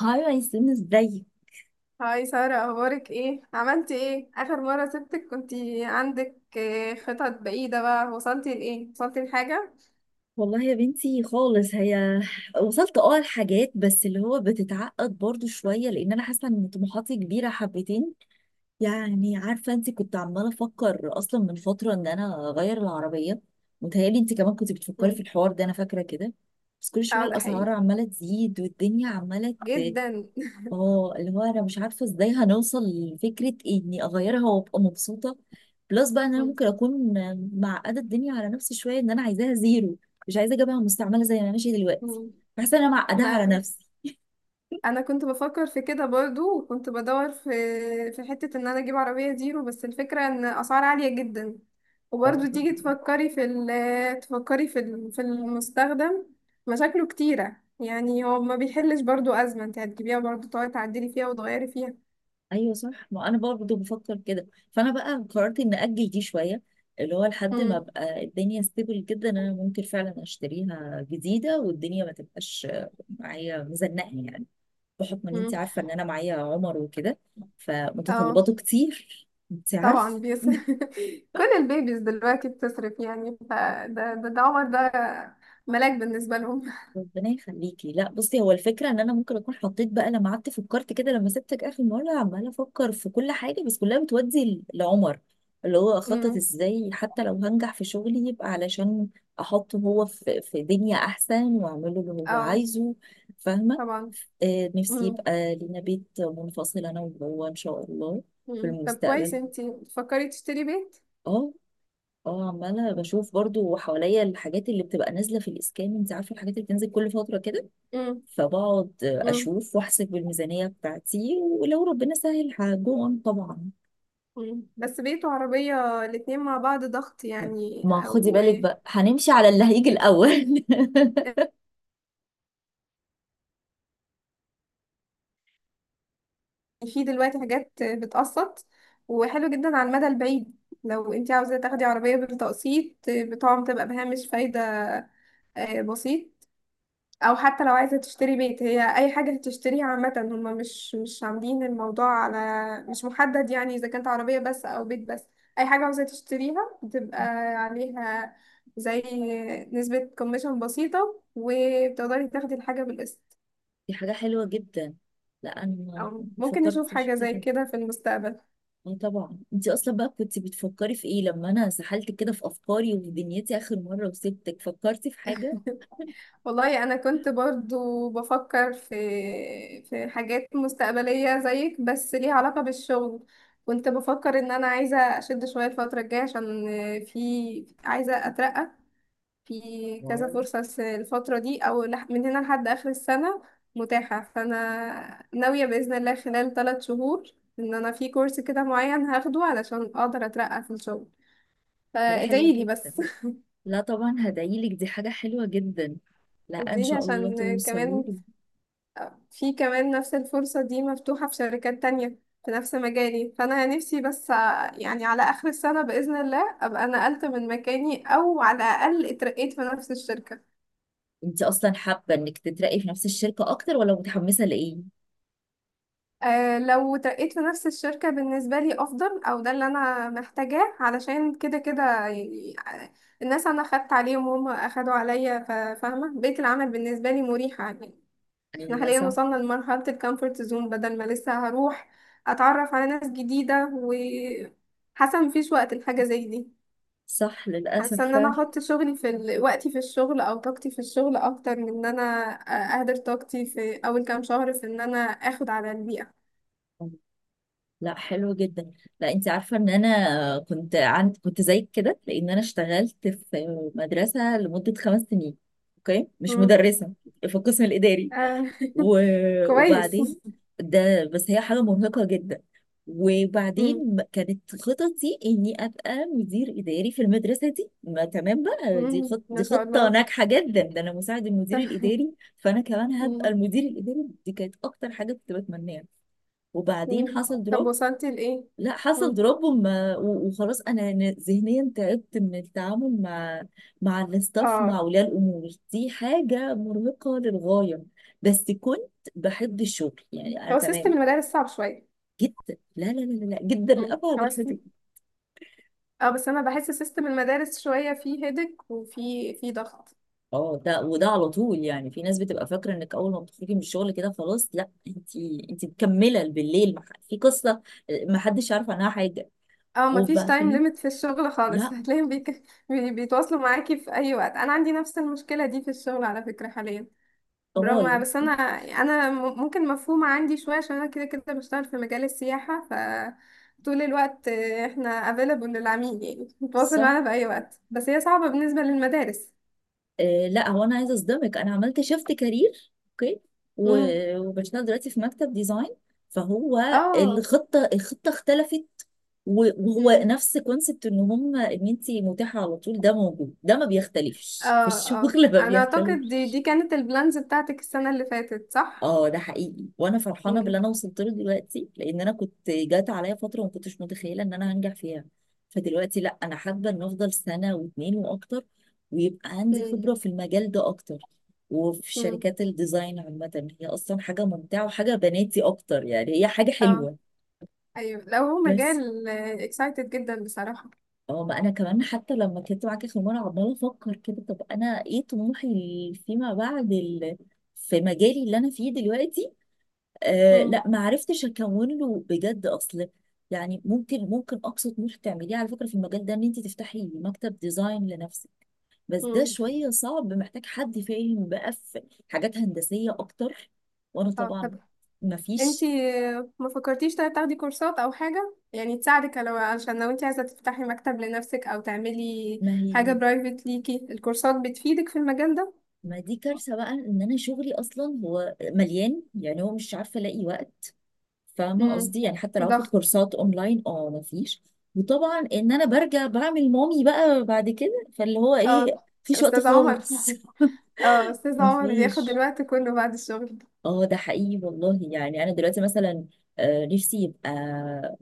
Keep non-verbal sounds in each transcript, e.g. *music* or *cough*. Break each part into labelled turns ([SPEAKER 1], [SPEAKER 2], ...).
[SPEAKER 1] هاي ياسمين، ازاي؟
[SPEAKER 2] هاي سارة، أخبارك إيه؟ عملتي إيه؟ آخر مرة سبتك كنتي عندك خطط بعيدة. بقى وصلتي لإيه؟ وصلتي لحاجة؟
[SPEAKER 1] والله يا بنتي خالص هي وصلت لحاجات، بس اللي هو بتتعقد برضو شوية لان انا حاسة ان طموحاتي كبيرة حبتين. يعني عارفة انت كنت عمالة افكر اصلا من فترة ان انا اغير العربية. متهيألي انت كمان كنت بتفكري في
[SPEAKER 2] مم.
[SPEAKER 1] الحوار ده، انا فاكرة كده. بس كل شوية
[SPEAKER 2] اه، ده
[SPEAKER 1] الاسعار
[SPEAKER 2] حقيقي
[SPEAKER 1] عمالة تزيد والدنيا عمالة.
[SPEAKER 2] جدا.
[SPEAKER 1] اه اللي هو انا مش عارفه ازاي هنوصل لفكره اني اغيرها وابقى مبسوطه. بلس بقى ان انا
[SPEAKER 2] مم.
[SPEAKER 1] ممكن اكون معقده الدنيا على نفسي شويه، ان انا عايزاها زيرو، مش عايزه اجيبها مستعمله زي ما ماشيه دلوقتي.
[SPEAKER 2] مم.
[SPEAKER 1] بحس ان انا معقداها على
[SPEAKER 2] ما
[SPEAKER 1] نفسي.
[SPEAKER 2] أنا كنت بفكر في كده برضو، وكنت بدور في حتة إن أنا أجيب عربية زيرو، بس الفكرة إن أسعار عالية جدا. وبرضو
[SPEAKER 1] اه،
[SPEAKER 2] تيجي تفكري في ال في المستخدم مشاكله كتيرة، يعني هو ما بيحلش برضو أزمة، انت هتجيبيها برضو تقعدي تعدلي فيها وتغيري فيها.
[SPEAKER 1] ايوه صح، ما انا برضه بفكر كده. فانا بقى قررت ان اجل دي شويه، اللي هو لحد ما ابقى الدنيا ستيبل جدا انا ممكن فعلا اشتريها جديده والدنيا ما تبقاش معايا مزنقه يعني. بحكم ان انت
[SPEAKER 2] مم.
[SPEAKER 1] عارفه ان انا معايا عمر وكده،
[SPEAKER 2] اه
[SPEAKER 1] فمتطلباته كتير. انت
[SPEAKER 2] طبعا
[SPEAKER 1] عارفه
[SPEAKER 2] بيص...
[SPEAKER 1] *laughs*
[SPEAKER 2] *laughs* كل البيبيز دلوقتي بتصرف يعني، فده ده عمر، ده ملاك بالنسبة لهم.
[SPEAKER 1] ربنا يخليكي. لا بصي، هو الفكره ان انا ممكن اكون حطيت بقى، لما قعدت فكرت كده لما سبتك اخر مره، عماله افكر في كل حاجه بس كلها بتودي لعمر. اللي هو
[SPEAKER 2] *laughs*
[SPEAKER 1] اخطط
[SPEAKER 2] مم.
[SPEAKER 1] ازاي، حتى لو هنجح في شغلي يبقى علشان احطه هو في دنيا احسن واعمله اللي هو
[SPEAKER 2] اه
[SPEAKER 1] عايزه. فاهمه.
[SPEAKER 2] طبعا.
[SPEAKER 1] نفسي
[SPEAKER 2] مم.
[SPEAKER 1] يبقى لينا بيت منفصل انا وهو ان شاء الله. في
[SPEAKER 2] مم. طب كويس،
[SPEAKER 1] المستقبل.
[SPEAKER 2] انتي بتفكري تشتري بيت.
[SPEAKER 1] اه. اه، عمالة بشوف برضو حواليا الحاجات اللي بتبقى نازلة في الإسكان. انت عارفة الحاجات اللي بتنزل كل فترة كده.
[SPEAKER 2] مم.
[SPEAKER 1] فبقعد
[SPEAKER 2] مم.
[SPEAKER 1] أشوف وأحسب الميزانية بتاعتي ولو ربنا سهل هجون طبعا.
[SPEAKER 2] مم. بس بيت وعربية الاتنين مع بعض ضغط يعني،
[SPEAKER 1] ما خدي
[SPEAKER 2] او
[SPEAKER 1] بالك
[SPEAKER 2] يعني
[SPEAKER 1] بقى، هنمشي على اللي هيجي الأول *laughs*
[SPEAKER 2] في دلوقتي حاجات بتقسط، وحلو جدا على المدى البعيد. لو انتي عاوزة تاخدي عربية بالتقسيط بتقوم تبقى بهامش فايدة بسيط. او حتى لو عايزه تشتري بيت، هي اي حاجه هتشتريها عامه، هم مش عاملين الموضوع على مش محدد يعني، اذا كانت عربيه بس او بيت بس، اي حاجه عاوزه تشتريها بتبقى عليها زي نسبه كوميشن بسيطه، وبتقدري تاخدي الحاجه بالقسط.
[SPEAKER 1] دي حاجة حلوة جدا. لا أنا
[SPEAKER 2] او
[SPEAKER 1] ما
[SPEAKER 2] ممكن نشوف
[SPEAKER 1] فكرتش
[SPEAKER 2] حاجه زي
[SPEAKER 1] كده.
[SPEAKER 2] كده في المستقبل.
[SPEAKER 1] اه طبعا، انت أصلا بقى كنت بتفكري في ايه لما أنا سحلت كده في أفكاري ودنيتي آخر مرة وسبتك؟ فكرتي في حاجة؟
[SPEAKER 2] والله انا كنت برضو بفكر في حاجات مستقبليه زيك، بس ليها علاقه بالشغل. كنت بفكر ان انا عايزه اشد شويه الفتره الجايه، عشان في عايزه اترقى. في كذا
[SPEAKER 1] واو.
[SPEAKER 2] فرصه الفتره دي، او من هنا لحد اخر السنه متاحه. فانا ناويه باذن الله خلال 3 شهور ان انا في كورس كده معين هاخده علشان اقدر اترقى في الشغل.
[SPEAKER 1] حاجة حلوة
[SPEAKER 2] فادعيلي
[SPEAKER 1] كده.
[SPEAKER 2] بس. *laughs*
[SPEAKER 1] لا طبعا هدعيلك، دي حاجة حلوة جدا. لا ان
[SPEAKER 2] ادعيلي
[SPEAKER 1] شاء الله
[SPEAKER 2] عشان
[SPEAKER 1] توصلي
[SPEAKER 2] كمان
[SPEAKER 1] له.
[SPEAKER 2] في كمان نفس الفرصة دي مفتوحة في شركات تانية في نفس مجالي. فأنا نفسي بس على آخر السنة بإذن الله أبقى نقلت من مكاني، أو على الأقل اترقيت في نفس الشركة.
[SPEAKER 1] انت اصلا حابة انك تترقي في نفس الشركة اكتر، ولا متحمسة لايه؟
[SPEAKER 2] أه، لو اترقيت في نفس الشركة بالنسبة لي أفضل، أو ده اللي أنا محتاجاه، علشان كده كده يعني الناس أنا خدت عليهم وهم أخدوا عليا، فاهمة بيئة العمل بالنسبة لي مريحة يعني. احنا
[SPEAKER 1] ايوه
[SPEAKER 2] حاليا
[SPEAKER 1] صح.
[SPEAKER 2] وصلنا لمرحلة الكومفورت زون، بدل ما لسه هروح اتعرف على ناس جديدة، وحاسة مفيش وقت لحاجة زي دي.
[SPEAKER 1] صح للاسف
[SPEAKER 2] حاسة ان انا
[SPEAKER 1] فعلا.
[SPEAKER 2] احط شغلي وقتي في الشغل او طاقتي في الشغل، اكتر من ان انا اهدر طاقتي في اول كام شهر في ان انا اخد على البيئة.
[SPEAKER 1] لا حلو جدا. لا، انت عارفة ان انا كنت زيك كده، لان انا اشتغلت في مدرسة لمدة 5 سنين. اوكي، مش
[SPEAKER 2] مم.
[SPEAKER 1] مدرسة، في القسم الاداري
[SPEAKER 2] آه، *laughs* كويس.
[SPEAKER 1] وبعدين. ده بس هي حاجة مرهقة جدا.
[SPEAKER 2] مم.
[SPEAKER 1] وبعدين كانت خططي اني ابقى مدير اداري في المدرسه دي، ما تمام بقى، دي
[SPEAKER 2] مم.
[SPEAKER 1] خط
[SPEAKER 2] ما
[SPEAKER 1] دي
[SPEAKER 2] شاء
[SPEAKER 1] خطه
[SPEAKER 2] الله.
[SPEAKER 1] ناجحه
[SPEAKER 2] *laughs*
[SPEAKER 1] جدا، ده انا مساعد المدير
[SPEAKER 2] طب.
[SPEAKER 1] الاداري فانا كمان هبقى
[SPEAKER 2] مم.
[SPEAKER 1] المدير الاداري. دي كانت اكتر حاجه كنت بتمناها. وبعدين
[SPEAKER 2] مم.
[SPEAKER 1] حصل
[SPEAKER 2] طب،
[SPEAKER 1] دروب.
[SPEAKER 2] وصلتي لإيه؟
[SPEAKER 1] لا حصل
[SPEAKER 2] مم.
[SPEAKER 1] دروب وخلاص انا ذهنيا تعبت من التعامل مع مع الاستاف مع
[SPEAKER 2] اه.
[SPEAKER 1] اولياء الامور. دي حاجه مرهقه للغايه. بس كنت بحب الشغل يعني، انا
[SPEAKER 2] هو سيستم
[SPEAKER 1] تمام.
[SPEAKER 2] المدارس صعب شوية.
[SPEAKER 1] جدا. لا لا لا لا لا، جدا
[SPEAKER 2] مم.
[SPEAKER 1] لابعد
[SPEAKER 2] هو
[SPEAKER 1] الحدود.
[SPEAKER 2] اه بس انا بحس سيستم المدارس شويه فيه هيدك، وفي ضغط.
[SPEAKER 1] اه ده، وده على طول يعني. في ناس بتبقى فاكره انك اول ما بتخرجي من الشغل كده خلاص. لا انت، انت مكمله بالليل في قصه. آه، ما حدش عارف عنها حاجه.
[SPEAKER 2] اه، مفيش تايم
[SPEAKER 1] وبعدين.
[SPEAKER 2] ليميت في الشغل
[SPEAKER 1] لا.
[SPEAKER 2] خالص. *laughs* هتلاقيهم بيك... بيتواصلوا معاكي في اي وقت. انا عندي نفس المشكله دي في الشغل على فكره حاليا، برغم
[SPEAKER 1] طوال.
[SPEAKER 2] بس انا يعني انا ممكن مفهومه عندي شويه عشان انا كده كده بشتغل في مجال السياحه، ف طول الوقت احنا available للعميل يعني، بيتواصل
[SPEAKER 1] صح.
[SPEAKER 2] معانا في اي وقت، بس هي صعبه بالنسبه للمدارس.
[SPEAKER 1] آه لا، هو انا عايزه اصدمك، انا عملت شيفت كارير. اوكي،
[SPEAKER 2] امم.
[SPEAKER 1] وبشتغل دلوقتي في مكتب ديزاين. فهو
[SPEAKER 2] اه
[SPEAKER 1] الخطه اختلفت، وهو نفس كونسبت ان هم ان انت متاحه على طول، ده موجود، ده ما
[SPEAKER 2] اه
[SPEAKER 1] بيختلفش في
[SPEAKER 2] اه،
[SPEAKER 1] الشغل *laughs* ما
[SPEAKER 2] انا اعتقد
[SPEAKER 1] بيختلفش.
[SPEAKER 2] دي كانت البلانز بتاعتك السنة اللي فاتت، صح؟
[SPEAKER 1] اه ده حقيقي، وانا فرحانه باللي
[SPEAKER 2] امم.
[SPEAKER 1] انا وصلت له دلوقتي، لان انا كنت جات عليا فتره ما كنتش متخيله ان انا هنجح فيها. فدلوقتي لا، انا حابه ان افضل سنه واتنين واكتر، ويبقى عندي
[SPEAKER 2] امم.
[SPEAKER 1] خبره في المجال ده اكتر. وفي
[SPEAKER 2] امم.
[SPEAKER 1] شركات الديزاين عامه هي اصلا حاجه ممتعه وحاجه بناتي اكتر يعني، هي حاجه
[SPEAKER 2] اه،
[SPEAKER 1] حلوه.
[SPEAKER 2] ايوه، لو هو
[SPEAKER 1] بس
[SPEAKER 2] مجال اكسايتد جدا بصراحة.
[SPEAKER 1] اه، ما انا كمان حتى لما كنت معاك اخر مره عماله افكر كده، طب انا ايه طموحي فيما بعد في مجالي اللي انا فيه دلوقتي؟ آه
[SPEAKER 2] امم.
[SPEAKER 1] لا، ما عرفتش اكون له بجد. اصل يعني، ممكن اقصى طموح تعمليه على فكره في المجال ده ان انت تفتحي مكتب ديزاين لنفسك، بس ده
[SPEAKER 2] امم.
[SPEAKER 1] شويه صعب، محتاج حد فاهم بقى في حاجات هندسيه اكتر. وانا
[SPEAKER 2] اه طب
[SPEAKER 1] طبعا ما
[SPEAKER 2] انتي،
[SPEAKER 1] فيش.
[SPEAKER 2] ما فكرتيش طيب تاخدي كورسات او حاجة يعني تساعدك، لو عشان لو انتي عايزة تفتحي مكتب لنفسك، او تعملي
[SPEAKER 1] ما
[SPEAKER 2] حاجة
[SPEAKER 1] هي،
[SPEAKER 2] برايفت ليكي الكورسات بتفيدك في المجال ده؟
[SPEAKER 1] ما دي كارثه بقى، ان انا شغلي اصلا هو مليان، يعني هو مش عارفه الاقي وقت. فاهمه
[SPEAKER 2] امم.
[SPEAKER 1] قصدي، يعني حتى لو هاخد
[SPEAKER 2] ضغط.
[SPEAKER 1] كورسات اونلاين، اه مفيش. وطبعا ان انا برجع بعمل مامي بقى بعد كده، فاللي هو
[SPEAKER 2] اه،
[SPEAKER 1] ايه، مفيش وقت
[SPEAKER 2] استاذ عمر.
[SPEAKER 1] خالص
[SPEAKER 2] *laughs* اه،
[SPEAKER 1] *laughs*
[SPEAKER 2] استاذ عمر بياخد
[SPEAKER 1] مفيش.
[SPEAKER 2] الوقت كله بعد الشغل.
[SPEAKER 1] اه ده حقيقي والله. يعني انا دلوقتي مثلا، آه، نفسي يبقى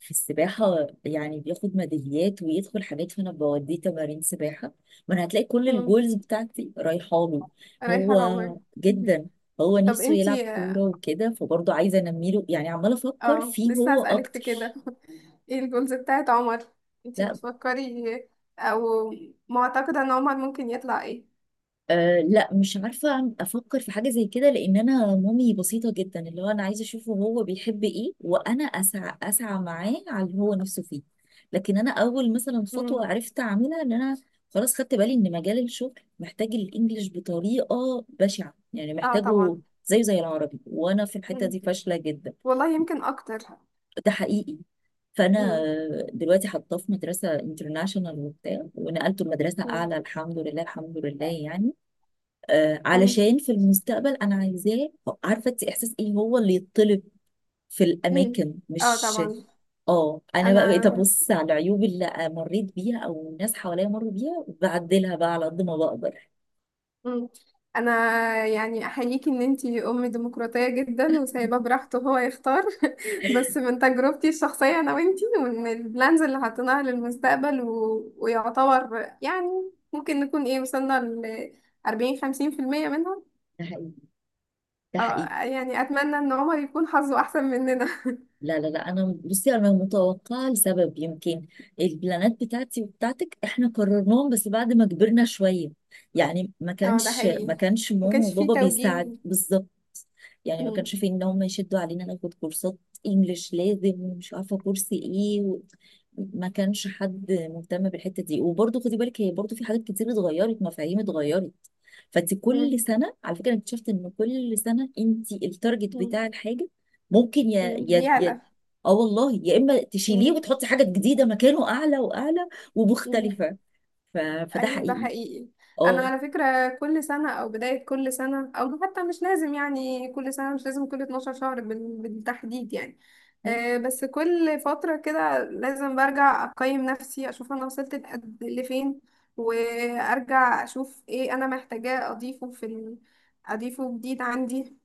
[SPEAKER 1] في السباحه، يعني بياخد ميداليات ويدخل حاجات، فانا بوديه تمارين سباحه. ما انا هتلاقي كل الجولز بتاعتي رايحه له هو.
[SPEAKER 2] ريحان عمر. *laughs*
[SPEAKER 1] جدا. هو
[SPEAKER 2] طب
[SPEAKER 1] نفسه يلعب
[SPEAKER 2] انتي،
[SPEAKER 1] كوره وكده، فبرضه عايزه انمي له، يعني عماله افكر
[SPEAKER 2] اه
[SPEAKER 1] فيه
[SPEAKER 2] لسه
[SPEAKER 1] هو
[SPEAKER 2] هسألك في كده.
[SPEAKER 1] اكتر.
[SPEAKER 2] *laughs* ايه الجولز بتاعت عمر؟ انتي
[SPEAKER 1] لا.
[SPEAKER 2] بتفكري او معتقدة ان عمر ممكن يطلع ايه؟
[SPEAKER 1] أه لا، مش عارفة أفكر في حاجة زي كده، لأن أنا مامي بسيطة جدا، اللي هو أنا عايزة أشوفه هو بيحب إيه وأنا أسعى أسعى معاه على اللي هو نفسه فيه. لكن أنا أول مثلا
[SPEAKER 2] مم.
[SPEAKER 1] خطوة عرفت أعملها إن أنا خلاص خدت بالي إن مجال الشغل محتاج الإنجليش بطريقة بشعة، يعني
[SPEAKER 2] اه
[SPEAKER 1] محتاجه
[SPEAKER 2] طبعا.
[SPEAKER 1] زيه زي العربي، وأنا في الحتة
[SPEAKER 2] مم.
[SPEAKER 1] دي فاشلة جدا.
[SPEAKER 2] والله يمكن اكتر.
[SPEAKER 1] ده حقيقي. فانا
[SPEAKER 2] مم.
[SPEAKER 1] دلوقتي حاطاه في مدرسه انترناشونال وبتاع، ونقلته لمدرسه
[SPEAKER 2] مم.
[SPEAKER 1] اعلى، الحمد لله الحمد لله يعني. آه،
[SPEAKER 2] مم.
[SPEAKER 1] علشان في المستقبل انا عايزاه، عارفه انت احساس ايه هو اللي يطلب في
[SPEAKER 2] مم.
[SPEAKER 1] الاماكن،
[SPEAKER 2] اه
[SPEAKER 1] مش.
[SPEAKER 2] طبعا.
[SPEAKER 1] اه، انا بقى بقيت
[SPEAKER 2] انا
[SPEAKER 1] ابص على العيوب اللي مريت بيها او الناس حواليا مروا بيها وبعدلها بقى على قد ما بقدر.
[SPEAKER 2] مم. انا يعني احييكي ان انتي ام ديمقراطيه جدا، وسايباه براحته هو يختار. *laughs* بس من تجربتي الشخصيه انا وانتي، ومن البلانز اللي حاطيناها للمستقبل ويعتبر يعني ممكن نكون ايه وصلنا ل 40-50% منها.
[SPEAKER 1] ده حقيقي. ده
[SPEAKER 2] اه،
[SPEAKER 1] حقيقي.
[SPEAKER 2] يعني اتمنى ان عمر يكون حظه احسن مننا. *laughs*
[SPEAKER 1] لا لا لا، انا بصي انا متوقعه لسبب، يمكن البلانات بتاعتي وبتاعتك احنا قررناهم بس بعد ما كبرنا شويه. يعني
[SPEAKER 2] اه، ده
[SPEAKER 1] ما
[SPEAKER 2] حقيقي.
[SPEAKER 1] كانش
[SPEAKER 2] ما
[SPEAKER 1] ماما
[SPEAKER 2] كانش فيه
[SPEAKER 1] وبابا بيساعد
[SPEAKER 2] توجيه.
[SPEAKER 1] بالظبط. يعني ما
[SPEAKER 2] مم.
[SPEAKER 1] كانش في ان هم يشدوا علينا ناخد كورسات انجليش لازم، ومش عارفه كورس ايه ما كانش حد مهتم بالحته دي. وبرضه خدي بالك، هي برضه في حاجات كتير اتغيرت، مفاهيم اتغيرت. فانت كل
[SPEAKER 2] مم.
[SPEAKER 1] سنه على فكره، أنا اكتشفت ان كل سنه انت التارجت بتاع
[SPEAKER 2] مم.
[SPEAKER 1] الحاجه ممكن يا
[SPEAKER 2] مم.
[SPEAKER 1] يا يا
[SPEAKER 2] بيعلى.
[SPEAKER 1] اه والله، يا اما تشيليه
[SPEAKER 2] مم.
[SPEAKER 1] وتحطي حاجه جديده مكانه اعلى واعلى
[SPEAKER 2] مم.
[SPEAKER 1] ومختلفه. ف... فده
[SPEAKER 2] ايوه، ده
[SPEAKER 1] حقيقي.
[SPEAKER 2] حقيقي. انا
[SPEAKER 1] اه.
[SPEAKER 2] على فكره كل سنه، او بدايه كل سنه، او حتى مش لازم يعني كل سنه، مش لازم كل 12 شهر بالتحديد يعني.
[SPEAKER 1] طيب،
[SPEAKER 2] بس كل فتره كده لازم برجع اقيم نفسي، اشوف انا وصلت لفين، وارجع اشوف ايه انا محتاجاه اضيفه اضيفه جديد عندي.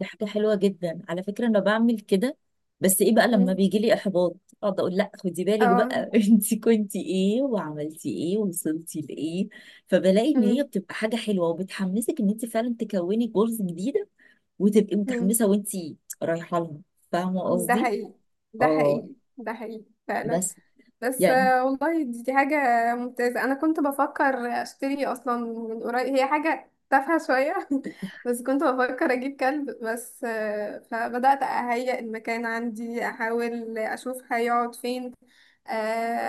[SPEAKER 1] دي حاجه حلوه جدا على فكره، انا بعمل كده. بس ايه بقى، لما
[SPEAKER 2] مم.
[SPEAKER 1] بيجي لي احباط اقعد اقول لا خدي بالك
[SPEAKER 2] اه.
[SPEAKER 1] بقى *laughs* انت كنتي ايه وعملتي ايه ووصلتي لايه؟ فبلاقي ان هي
[SPEAKER 2] مم.
[SPEAKER 1] بتبقى حاجه حلوه، وبتحمسك ان انت فعلا تكوني جولز جديده وتبقي
[SPEAKER 2] مم.
[SPEAKER 1] متحمسه وانت رايحه لها. فاهمه
[SPEAKER 2] ده
[SPEAKER 1] قصدي؟
[SPEAKER 2] حقيقي. ده
[SPEAKER 1] اه
[SPEAKER 2] حقيقي، ده حقيقي فعلا.
[SPEAKER 1] بس
[SPEAKER 2] بس
[SPEAKER 1] يعني.
[SPEAKER 2] والله دي حاجة ممتازة. أنا كنت بفكر أشتري أصلا من قريب، هي حاجة تافهة شوية. *laughs* بس كنت بفكر أجيب كلب بس، فبدأت أهيئ المكان عندي، أحاول أشوف هيقعد فين، آه،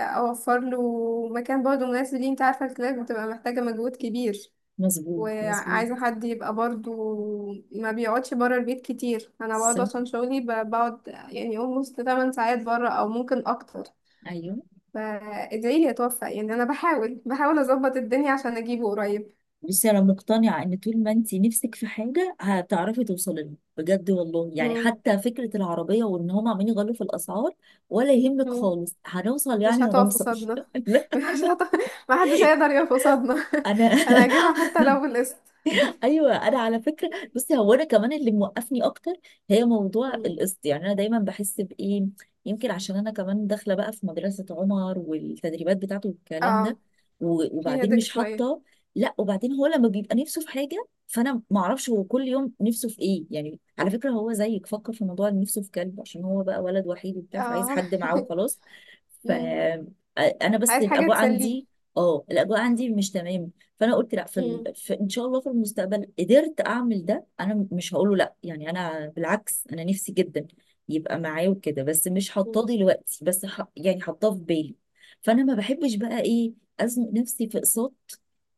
[SPEAKER 2] أوفر له مكان برضه مناسب ليه. أنت عارفة الكلاب بتبقى محتاجة مجهود كبير،
[SPEAKER 1] مظبوط مظبوط.
[SPEAKER 2] وعايزة حد يبقى برضه ما بيقعدش برا البيت كتير. أنا بقعد
[SPEAKER 1] صح.
[SPEAKER 2] عشان شغلي، بقعد يعني almost 8 ساعات برا أو ممكن أكتر.
[SPEAKER 1] ايوه
[SPEAKER 2] فادعي لي اتوفق يعني، انا بحاول بحاول اظبط الدنيا عشان اجيبه قريب.
[SPEAKER 1] بصي، انا مقتنعه ان طول ما انت نفسك في حاجه هتعرفي توصلي لها بجد والله، يعني
[SPEAKER 2] مم.
[SPEAKER 1] حتى فكره العربيه وان هم عمالين يغلوا في الاسعار، ولا يهمك
[SPEAKER 2] مم.
[SPEAKER 1] خالص، هنوصل
[SPEAKER 2] مش
[SPEAKER 1] يعني
[SPEAKER 2] هتقف
[SPEAKER 1] هنوصل
[SPEAKER 2] قصادنا.
[SPEAKER 1] *laughs* لا.
[SPEAKER 2] *laughs* مش هتقف. ما حدش هيقدر يقف قصادنا.
[SPEAKER 1] انا
[SPEAKER 2] *laughs* انا هجيبها
[SPEAKER 1] *laughs*
[SPEAKER 2] حتى لو بالقسط.
[SPEAKER 1] ايوه. انا على فكره بصي، هو انا كمان اللي موقفني اكتر هي موضوع
[SPEAKER 2] مم.
[SPEAKER 1] القسط، يعني انا دايما بحس بايه، يمكن عشان انا كمان داخله بقى في مدرسه عمر والتدريبات بتاعته والكلام ده
[SPEAKER 2] اه، في
[SPEAKER 1] وبعدين
[SPEAKER 2] هدك
[SPEAKER 1] مش
[SPEAKER 2] شوية.
[SPEAKER 1] حاطه. لا، وبعدين هو لما بيبقى نفسه في حاجه، فانا ما اعرفش هو كل يوم نفسه في ايه يعني، على فكره هو زيك فكر في موضوع إن نفسه في كلب، عشان هو بقى ولد وحيد وبتاع، فعايز
[SPEAKER 2] اه.
[SPEAKER 1] حد معاه
[SPEAKER 2] *laughs*
[SPEAKER 1] وخلاص. ف
[SPEAKER 2] مم.
[SPEAKER 1] انا بس
[SPEAKER 2] عايز حاجة
[SPEAKER 1] الاجواء
[SPEAKER 2] تسليه.
[SPEAKER 1] عندي. اه، الاجواء عندي مش تمام. فانا قلت لا
[SPEAKER 2] مم.
[SPEAKER 1] في ان شاء الله في المستقبل قدرت اعمل ده انا مش هقوله لا، يعني انا بالعكس، انا نفسي جدا يبقى معايا وكده، بس مش
[SPEAKER 2] مم.
[SPEAKER 1] حاطاه دلوقتي، بس يعني حاطاه في بالي. فانا ما بحبش بقى ايه ازنق نفسي في اقساط،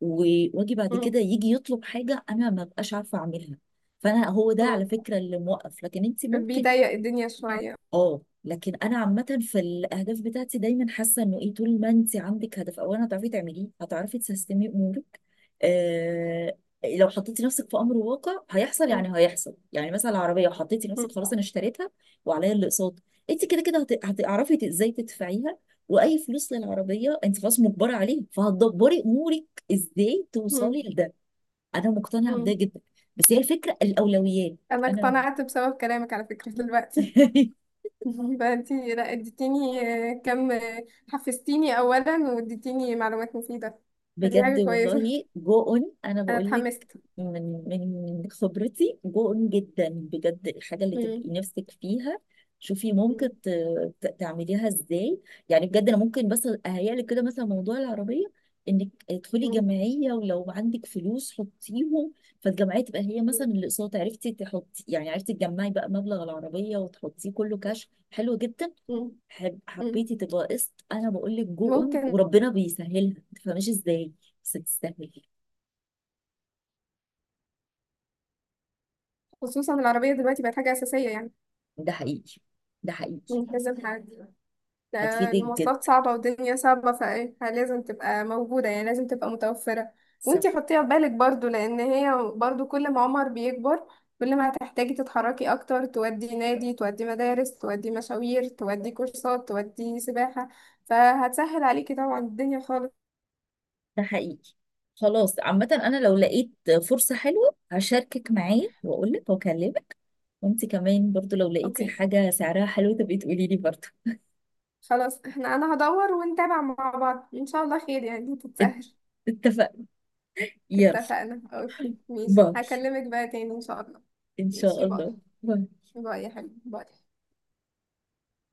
[SPEAKER 1] واجي بعد كده
[SPEAKER 2] مم.
[SPEAKER 1] يجي يطلب حاجه انا ما بقاش عارفه اعملها. فانا هو ده
[SPEAKER 2] مم.
[SPEAKER 1] على فكره اللي موقف، لكن انت ممكن.
[SPEAKER 2] بيضيق الدنيا شوية.
[SPEAKER 1] اه لكن انا عامه في الاهداف بتاعتي دايما حاسه انه ايه، طول ما انت عندك هدف اولا هتعرفي تعمليه هتعرفي تسيستمي امورك. آه. لو حطيتي نفسك في امر واقع هيحصل،
[SPEAKER 2] مم.
[SPEAKER 1] يعني هيحصل، يعني مثلا العربيه حطيتي نفسك خلاص
[SPEAKER 2] مم.
[SPEAKER 1] انا اشتريتها وعليا الاقساط، انت كده كده هتعرفي ازاي تدفعيها. واي فلوس للعربيه انت خلاص مجبره عليه، فهتدبري امورك ازاي
[SPEAKER 2] مم.
[SPEAKER 1] توصلي لده. انا مقتنعه بده
[SPEAKER 2] مم.
[SPEAKER 1] جدا. بس هي الفكره الاولويات.
[SPEAKER 2] انا
[SPEAKER 1] انا
[SPEAKER 2] اقتنعت بسبب كلامك على فكرة دلوقتي.
[SPEAKER 1] *laughs*
[SPEAKER 2] *laughs* ده انتي لا اديتيني آه، كم آه، حفزتيني اولا، واديتيني معلومات مفيده. دي
[SPEAKER 1] بجد
[SPEAKER 2] حاجه كويسه.
[SPEAKER 1] والله، جو اون، انا
[SPEAKER 2] *laughs* انا
[SPEAKER 1] بقول لك.
[SPEAKER 2] اتحمست.
[SPEAKER 1] من من خبرتي، جو اون جدا بجد، الحاجه اللي
[SPEAKER 2] مم.
[SPEAKER 1] تبقي نفسك فيها شوفي ممكن
[SPEAKER 2] مم.
[SPEAKER 1] تعمليها ازاي. يعني بجد انا ممكن بس اهيئ لك كده مثلا موضوع العربيه، انك تدخلي
[SPEAKER 2] مم.
[SPEAKER 1] جمعيه ولو عندك فلوس حطيهم، فالجمعيه تبقى هي مثلا الاقساط، عرفتي تحطي يعني عرفتي تجمعي بقى مبلغ العربيه وتحطيه كله كاش. حلو جدا.
[SPEAKER 2] مم. مم.
[SPEAKER 1] حبيتي تبقى قسط، انا بقول لك جو اون،
[SPEAKER 2] ممكن.
[SPEAKER 1] وربنا بيسهلها ما تفهميش ازاي. بس تستاهل.
[SPEAKER 2] خصوصا العربيه دلوقتي بقت حاجه اساسيه يعني.
[SPEAKER 1] ده حقيقي. ده حقيقي.
[SPEAKER 2] مم. لازم حد. ده
[SPEAKER 1] هتفيدك
[SPEAKER 2] المواصلات
[SPEAKER 1] جدا.
[SPEAKER 2] صعبة والدنيا صعبة، فايه لازم تبقى موجودة، يعني لازم تبقى متوفرة.
[SPEAKER 1] صح.
[SPEAKER 2] وانتي حطيها في بالك برضو، لأن هي برضو كل ما عمر بيكبر كل ما هتحتاجي تتحركي أكتر، تودي نادي، تودي مدارس، تودي مشاوير، تودي كورسات، تودي سباحة، فهتسهل عليكي طبعا الدنيا خالص.
[SPEAKER 1] ده حقيقي. خلاص عامة، انا لو لقيت فرصة حلوة هشاركك معايا واقول لك واكلمك. وانت كمان برضو لو لقيتي
[SPEAKER 2] اوكي.
[SPEAKER 1] حاجة سعرها حلو تبقي تقولي لي برضو
[SPEAKER 2] خلاص انا هدور ونتابع مع بعض ان شاء الله، خير يعني
[SPEAKER 1] *laughs* ات-
[SPEAKER 2] تتسهل.
[SPEAKER 1] اتفقنا. يلا.
[SPEAKER 2] اتفقنا. اوكي ماشي،
[SPEAKER 1] باي.
[SPEAKER 2] هكلمك بقى تاني ان شاء الله.
[SPEAKER 1] ان شاء
[SPEAKER 2] ماشي، باي.
[SPEAKER 1] الله. باي.
[SPEAKER 2] باي يا حبيبي، باي.